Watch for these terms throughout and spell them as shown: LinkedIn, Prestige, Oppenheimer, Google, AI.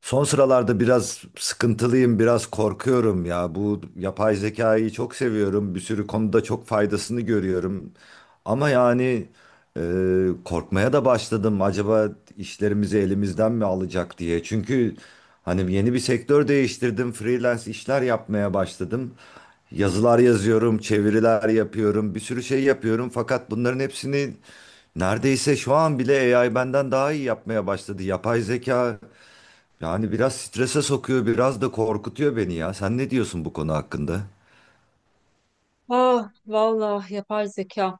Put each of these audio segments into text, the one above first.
Son sıralarda biraz sıkıntılıyım, biraz korkuyorum ya. Bu yapay zekayı çok seviyorum. Bir sürü konuda çok faydasını görüyorum. Ama yani e, korkmaya da başladım. Acaba işlerimizi elimizden mi alacak diye. Çünkü hani yeni bir sektör değiştirdim. Freelance işler yapmaya başladım. Yazılar yazıyorum, çeviriler yapıyorum, bir sürü şey yapıyorum. Fakat bunların hepsini neredeyse şu an bile AI benden daha iyi yapmaya başladı. Yapay zeka yani biraz strese sokuyor, biraz da korkutuyor beni ya. Sen ne diyorsun bu konu hakkında? Ah vallahi yapay zeka.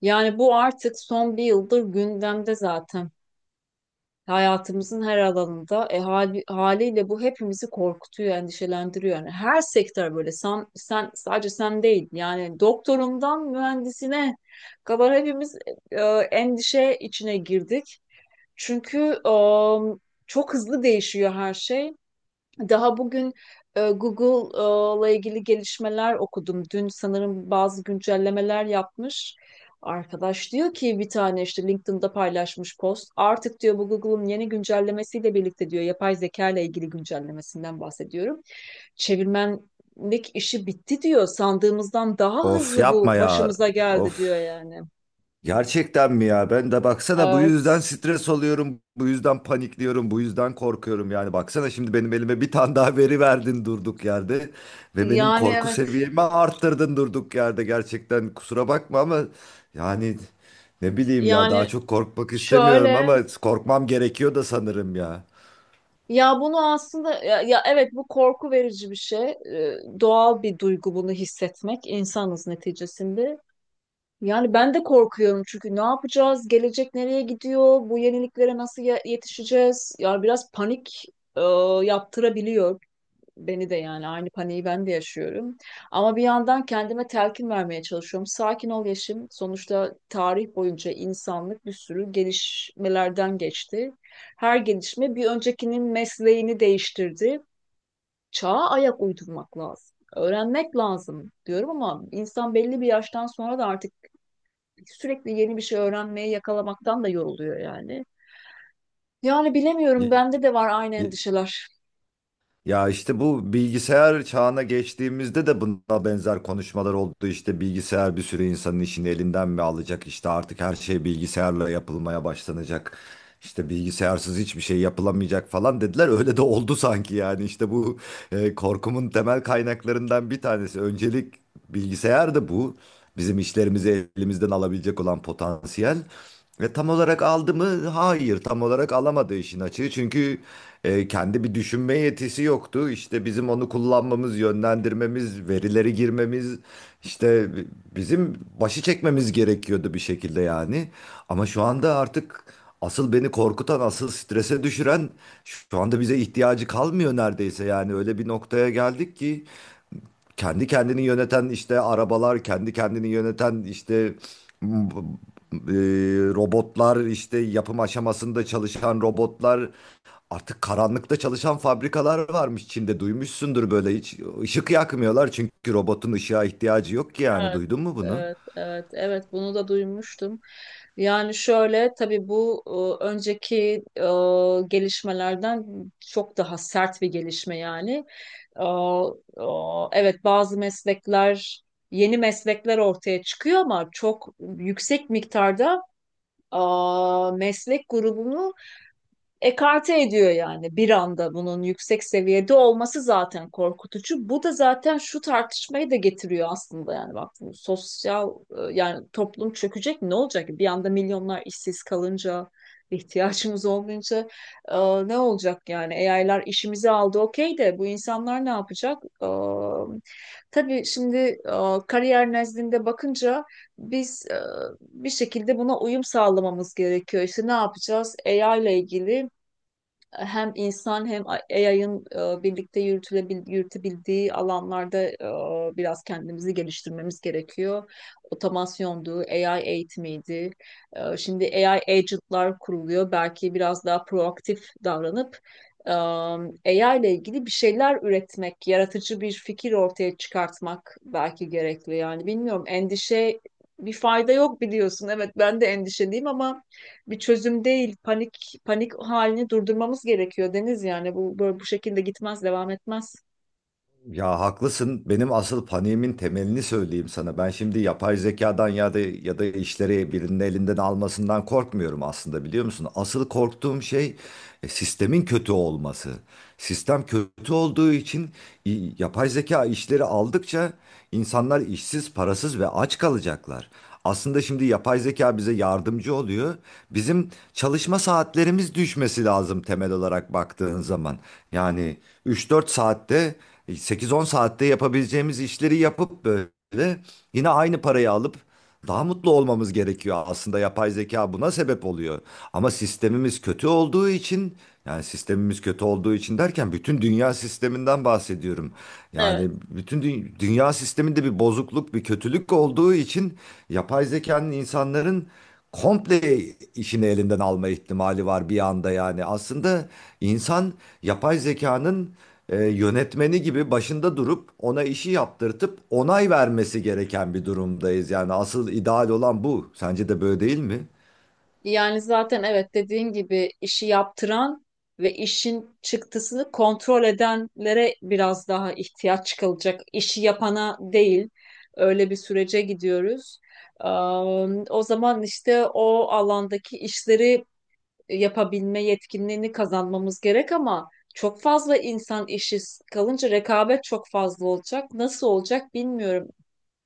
Yani bu artık son bir yıldır gündemde zaten. Hayatımızın her alanında haliyle bu hepimizi korkutuyor, endişelendiriyor. Yani her sektör böyle. Sen sadece sen değil. Yani doktorundan mühendisine kadar hepimiz e, endişe içine girdik. Çünkü e, çok hızlı değişiyor her şey. Daha bugün Google'la ilgili gelişmeler okudum. Dün sanırım bazı güncellemeler yapmış. Arkadaş diyor ki bir tane işte LinkedIn'da paylaşmış post. Artık diyor bu Google'ın yeni güncellemesiyle birlikte diyor, yapay zeka ile ilgili güncellemesinden bahsediyorum. Çevirmenlik işi bitti diyor. Sandığımızdan daha Of hızlı bu yapma ya. başımıza geldi Of. diyor yani. Gerçekten mi ya? Ben de baksana bu yüzden Evet. stres oluyorum, bu yüzden panikliyorum, bu yüzden korkuyorum. Yani baksana şimdi benim elime bir tane daha veri verdin durduk yerde ve benim Yani korku evet. seviyemi arttırdın durduk yerde. Gerçekten kusura bakma ama yani ne bileyim ya daha Yani çok korkmak istemiyorum şöyle. ama korkmam gerekiyor da sanırım ya. Ya bunu aslında, ya evet, bu korku verici bir şey. Doğal bir duygu bunu hissetmek. İnsanız neticesinde. Yani ben de korkuyorum, çünkü ne yapacağız? Gelecek nereye gidiyor? Bu yeniliklere nasıl yetişeceğiz? Yani biraz panik e, yaptırabiliyor. Beni de, yani aynı paniği ben de yaşıyorum. Ama bir yandan kendime telkin vermeye çalışıyorum. Sakin ol Yeşim. Sonuçta tarih boyunca insanlık bir sürü gelişmelerden geçti. Her gelişme bir öncekinin mesleğini değiştirdi. Çağa ayak uydurmak lazım. Öğrenmek lazım diyorum, ama insan belli bir yaştan sonra da artık sürekli yeni bir şey öğrenmeye yakalamaktan da yoruluyor yani. Yani bilemiyorum, Y- bende de var aynı y- endişeler. Ya işte bu bilgisayar çağına geçtiğimizde de buna benzer konuşmalar oldu. İşte bilgisayar bir sürü insanın işini elinden mi alacak? İşte artık her şey bilgisayarla yapılmaya başlanacak. İşte bilgisayarsız hiçbir şey yapılamayacak falan dediler. Öyle de oldu sanki yani. İşte bu korkumun temel kaynaklarından bir tanesi. Öncelik bilgisayar da bu. Bizim işlerimizi elimizden alabilecek olan potansiyel. Ve tam olarak aldı mı? Hayır, tam olarak alamadı işin açığı. Çünkü kendi bir düşünme yetisi yoktu. İşte bizim onu kullanmamız, yönlendirmemiz, verileri girmemiz, işte bizim başı çekmemiz gerekiyordu bir şekilde yani. Ama şu anda artık asıl beni korkutan, asıl strese düşüren şu anda bize ihtiyacı kalmıyor neredeyse. Yani öyle bir noktaya geldik ki kendi kendini yöneten işte arabalar, kendi kendini yöneten işte m- robotlar, işte yapım aşamasında çalışan robotlar, artık karanlıkta çalışan fabrikalar varmış Çin'de duymuşsundur böyle hiç ışık yakmıyorlar çünkü robotun ışığa ihtiyacı yok ki yani Evet, duydun mu bunu? evet, evet, evet, bunu da duymuştum. Yani şöyle, tabii bu önceki e, gelişmelerden çok daha sert bir gelişme yani. E, e, evet, bazı meslekler, yeni meslekler ortaya çıkıyor ama çok yüksek miktarda e, meslek grubunu ekarte ediyor, yani bir anda bunun yüksek seviyede olması zaten korkutucu. Bu da zaten şu tartışmayı da getiriyor aslında, yani bak sosyal, yani toplum çökecek, ne olacak ki? Bir anda milyonlar işsiz kalınca, ihtiyacımız olmayınca, e, ne olacak yani? AI'lar işimizi aldı, okey, de bu insanlar ne yapacak? Tabii şimdi kariyer nezdinde bakınca, biz bir şekilde buna uyum sağlamamız gerekiyor. İşte ne yapacağız? AI ile ilgili hem insan hem AI'ın birlikte yürütebildiği alanlarda biraz kendimizi geliştirmemiz gerekiyor. Otomasyondu, AI eğitimiydi. Şimdi AI agentlar kuruluyor. Belki biraz daha proaktif davranıp AI ile ilgili bir şeyler üretmek, yaratıcı bir fikir ortaya çıkartmak belki gerekli. Yani bilmiyorum, endişe bir fayda yok biliyorsun. Evet, ben de endişeliyim ama bir çözüm değil. Panik panik halini durdurmamız gerekiyor Deniz, yani bu böyle bu şekilde gitmez, devam etmez. Ya haklısın. Benim asıl paniğimin temelini söyleyeyim sana. Ben şimdi yapay zekadan ya da işleri birinin elinden almasından korkmuyorum aslında biliyor musun? Asıl korktuğum şey sistemin kötü olması. Sistem kötü olduğu için yapay zeka işleri aldıkça insanlar işsiz, parasız ve aç kalacaklar. Aslında şimdi yapay zeka bize yardımcı oluyor. Bizim çalışma saatlerimiz düşmesi lazım temel olarak baktığın zaman. Yani üç dört saatte 8-10 saatte yapabileceğimiz işleri yapıp böyle yine aynı parayı alıp daha mutlu olmamız gerekiyor. Aslında yapay zeka buna sebep oluyor. Ama sistemimiz kötü olduğu için yani sistemimiz kötü olduğu için derken bütün dünya sisteminden bahsediyorum. Yani Evet. bütün dünya sisteminde bir bozukluk, bir kötülük olduğu için yapay zekanın insanların komple işini elinden alma ihtimali var bir anda yani. Aslında insan yapay zekanın yönetmeni gibi başında durup ona işi yaptırtıp onay vermesi gereken bir durumdayız. Yani asıl ideal olan bu. Sence de böyle değil mi? Yani zaten, evet, dediğin gibi işi yaptıran ve işin çıktısını kontrol edenlere biraz daha ihtiyaç çıkılacak. İşi yapana değil. Öyle bir sürece gidiyoruz. Eee, O zaman işte o alandaki işleri yapabilme yetkinliğini kazanmamız gerek ama çok fazla insan işi kalınca rekabet çok fazla olacak. Nasıl olacak bilmiyorum.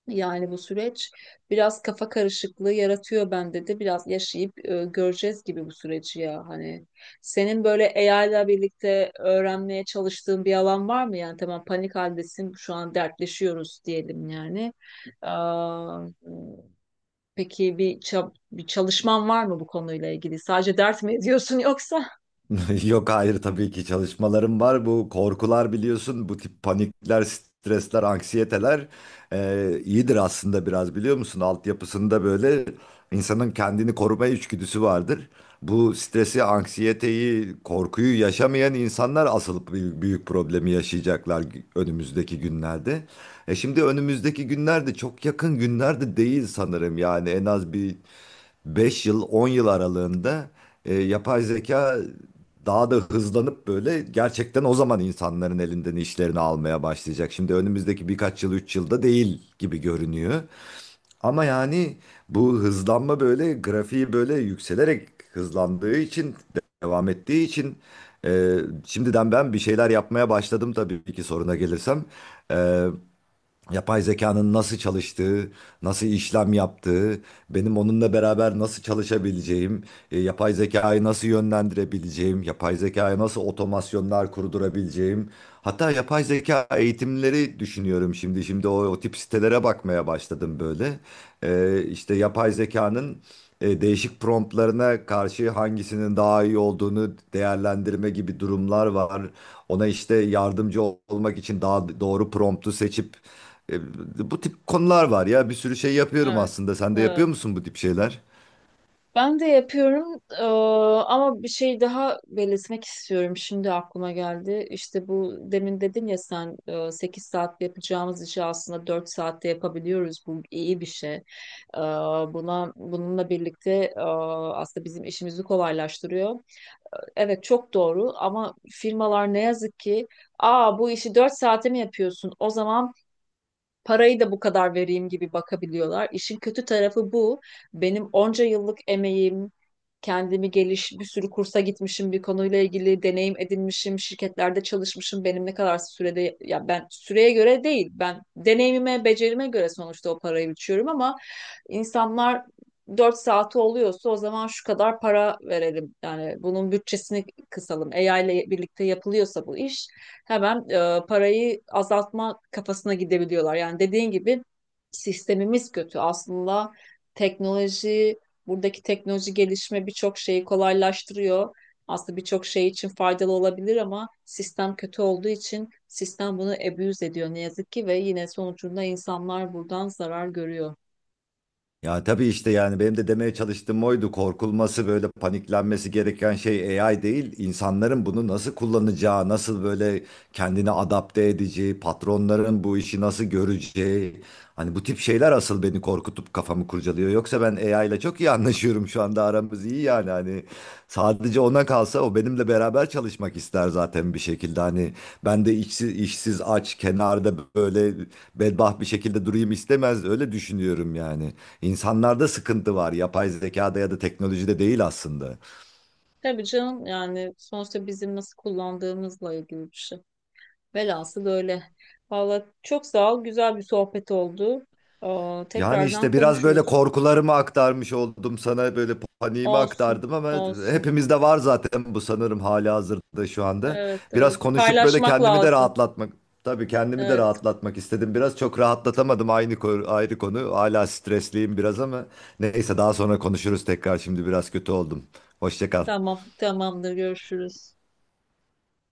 Yani bu süreç biraz kafa karışıklığı yaratıyor bende de. Biraz yaşayıp göreceğiz gibi bu süreci ya. Hani senin böyle AI ile birlikte öğrenmeye çalıştığın bir alan var mı? Yani tamam, panik haldesin, şu an dertleşiyoruz diyelim yani. Aa, peki bir çalışman var mı bu konuyla ilgili? Sadece dert mi ediyorsun yoksa? Yok hayır tabii ki çalışmalarım var. Bu korkular biliyorsun, bu tip panikler, stresler, anksiyeteler iyidir aslında biraz biliyor musun? Altyapısında böyle insanın kendini koruma içgüdüsü vardır. Bu stresi, anksiyeteyi, korkuyu yaşamayan insanlar asıl büyük, büyük problemi yaşayacaklar önümüzdeki günlerde. E şimdi önümüzdeki günlerde çok yakın günlerde değil sanırım yani en az bir 5 yıl 10 yıl aralığında yapay zeka daha da hızlanıp böyle gerçekten o zaman insanların elinden işlerini almaya başlayacak. Şimdi önümüzdeki birkaç yıl 3 yılda değil gibi görünüyor. Ama yani bu hızlanma böyle grafiği böyle yükselerek hızlandığı için devam ettiği için e, şimdiden ben bir şeyler yapmaya başladım tabii ki soruna gelirsem. E, Yapay zekanın nasıl çalıştığı, nasıl işlem yaptığı, benim onunla beraber nasıl çalışabileceğim, yapay zekayı nasıl yönlendirebileceğim, yapay zekaya nasıl otomasyonlar kurdurabileceğim. Hatta yapay zeka eğitimleri düşünüyorum şimdi. Şimdi o tip sitelere bakmaya başladım böyle. İşte yapay zekanın değişik promptlarına karşı hangisinin daha iyi olduğunu değerlendirme gibi durumlar var. Ona işte yardımcı olmak için daha doğru promptu seçip bu tip konular var ya. Bir sürü şey yapıyorum Evet. aslında. Sen de yapıyor Evet. musun bu tip şeyler? Ben de yapıyorum, ama bir şey daha belirtmek istiyorum. Şimdi aklıma geldi. İşte bu demin dedin ya sen, 8 saatte yapacağımız işi aslında 4 saatte yapabiliyoruz. Bu iyi bir şey. Eee, Buna, bununla birlikte, eee, aslında bizim işimizi kolaylaştırıyor. Evet, çok doğru, ama firmalar ne yazık ki, aa, bu işi 4 saate mi yapıyorsun? O zaman parayı da bu kadar vereyim gibi bakabiliyorlar. İşin kötü tarafı bu. Benim onca yıllık emeğim, bir sürü kursa gitmişim, bir konuyla ilgili deneyim edinmişim, şirketlerde çalışmışım. Benim ne kadar sürede, ya ben süreye göre değil, ben deneyimime, becerime göre sonuçta o parayı biçiyorum, ama insanlar 4 saati oluyorsa o zaman şu kadar para verelim. Yani bunun bütçesini kısalım. AI ile birlikte yapılıyorsa bu iş, hemen parayı azaltma kafasına gidebiliyorlar. Yani dediğin gibi sistemimiz kötü. Aslında teknoloji, buradaki teknoloji gelişme birçok şeyi kolaylaştırıyor. Aslında birçok şey için faydalı olabilir ama sistem kötü olduğu için sistem bunu abuse ediyor ne yazık ki, ve yine sonucunda insanlar buradan zarar görüyor. Ya tabii işte yani benim de demeye çalıştığım oydu. Korkulması böyle paniklenmesi gereken şey AI değil. İnsanların bunu nasıl kullanacağı, nasıl böyle kendini adapte edeceği, patronların bu işi nasıl göreceği. Hani bu tip şeyler asıl beni korkutup kafamı kurcalıyor. Yoksa ben AI ile çok iyi anlaşıyorum şu anda aramız iyi yani hani sadece ona kalsa o benimle beraber çalışmak ister zaten bir şekilde. Hani ben de işsiz, işsiz aç kenarda böyle bedbaht bir şekilde durayım istemez öyle düşünüyorum yani. İnsanlarda sıkıntı var. Yapay zekada ya da teknolojide değil aslında. Tabii canım, yani sonuçta bizim nasıl kullandığımızla ilgili bir şey. Velhasıl böyle. Vallahi çok sağ ol. Güzel bir sohbet oldu. Aa, Yani tekrardan işte biraz böyle konuşuruz. korkularımı aktarmış oldum sana böyle paniğimi Olsun. aktardım ama Olsun. hepimizde var zaten bu sanırım hali hazırda şu anda. Evet, evet. Biraz konuşup böyle Paylaşmak kendimi de lazım. rahatlatmak tabii kendimi de Evet. rahatlatmak istedim. Biraz çok rahatlatamadım aynı ayrı konu. Hala stresliyim biraz ama neyse daha sonra konuşuruz tekrar. Şimdi biraz kötü oldum. Hoşça kal. Tamam. Tamamdır. Görüşürüz.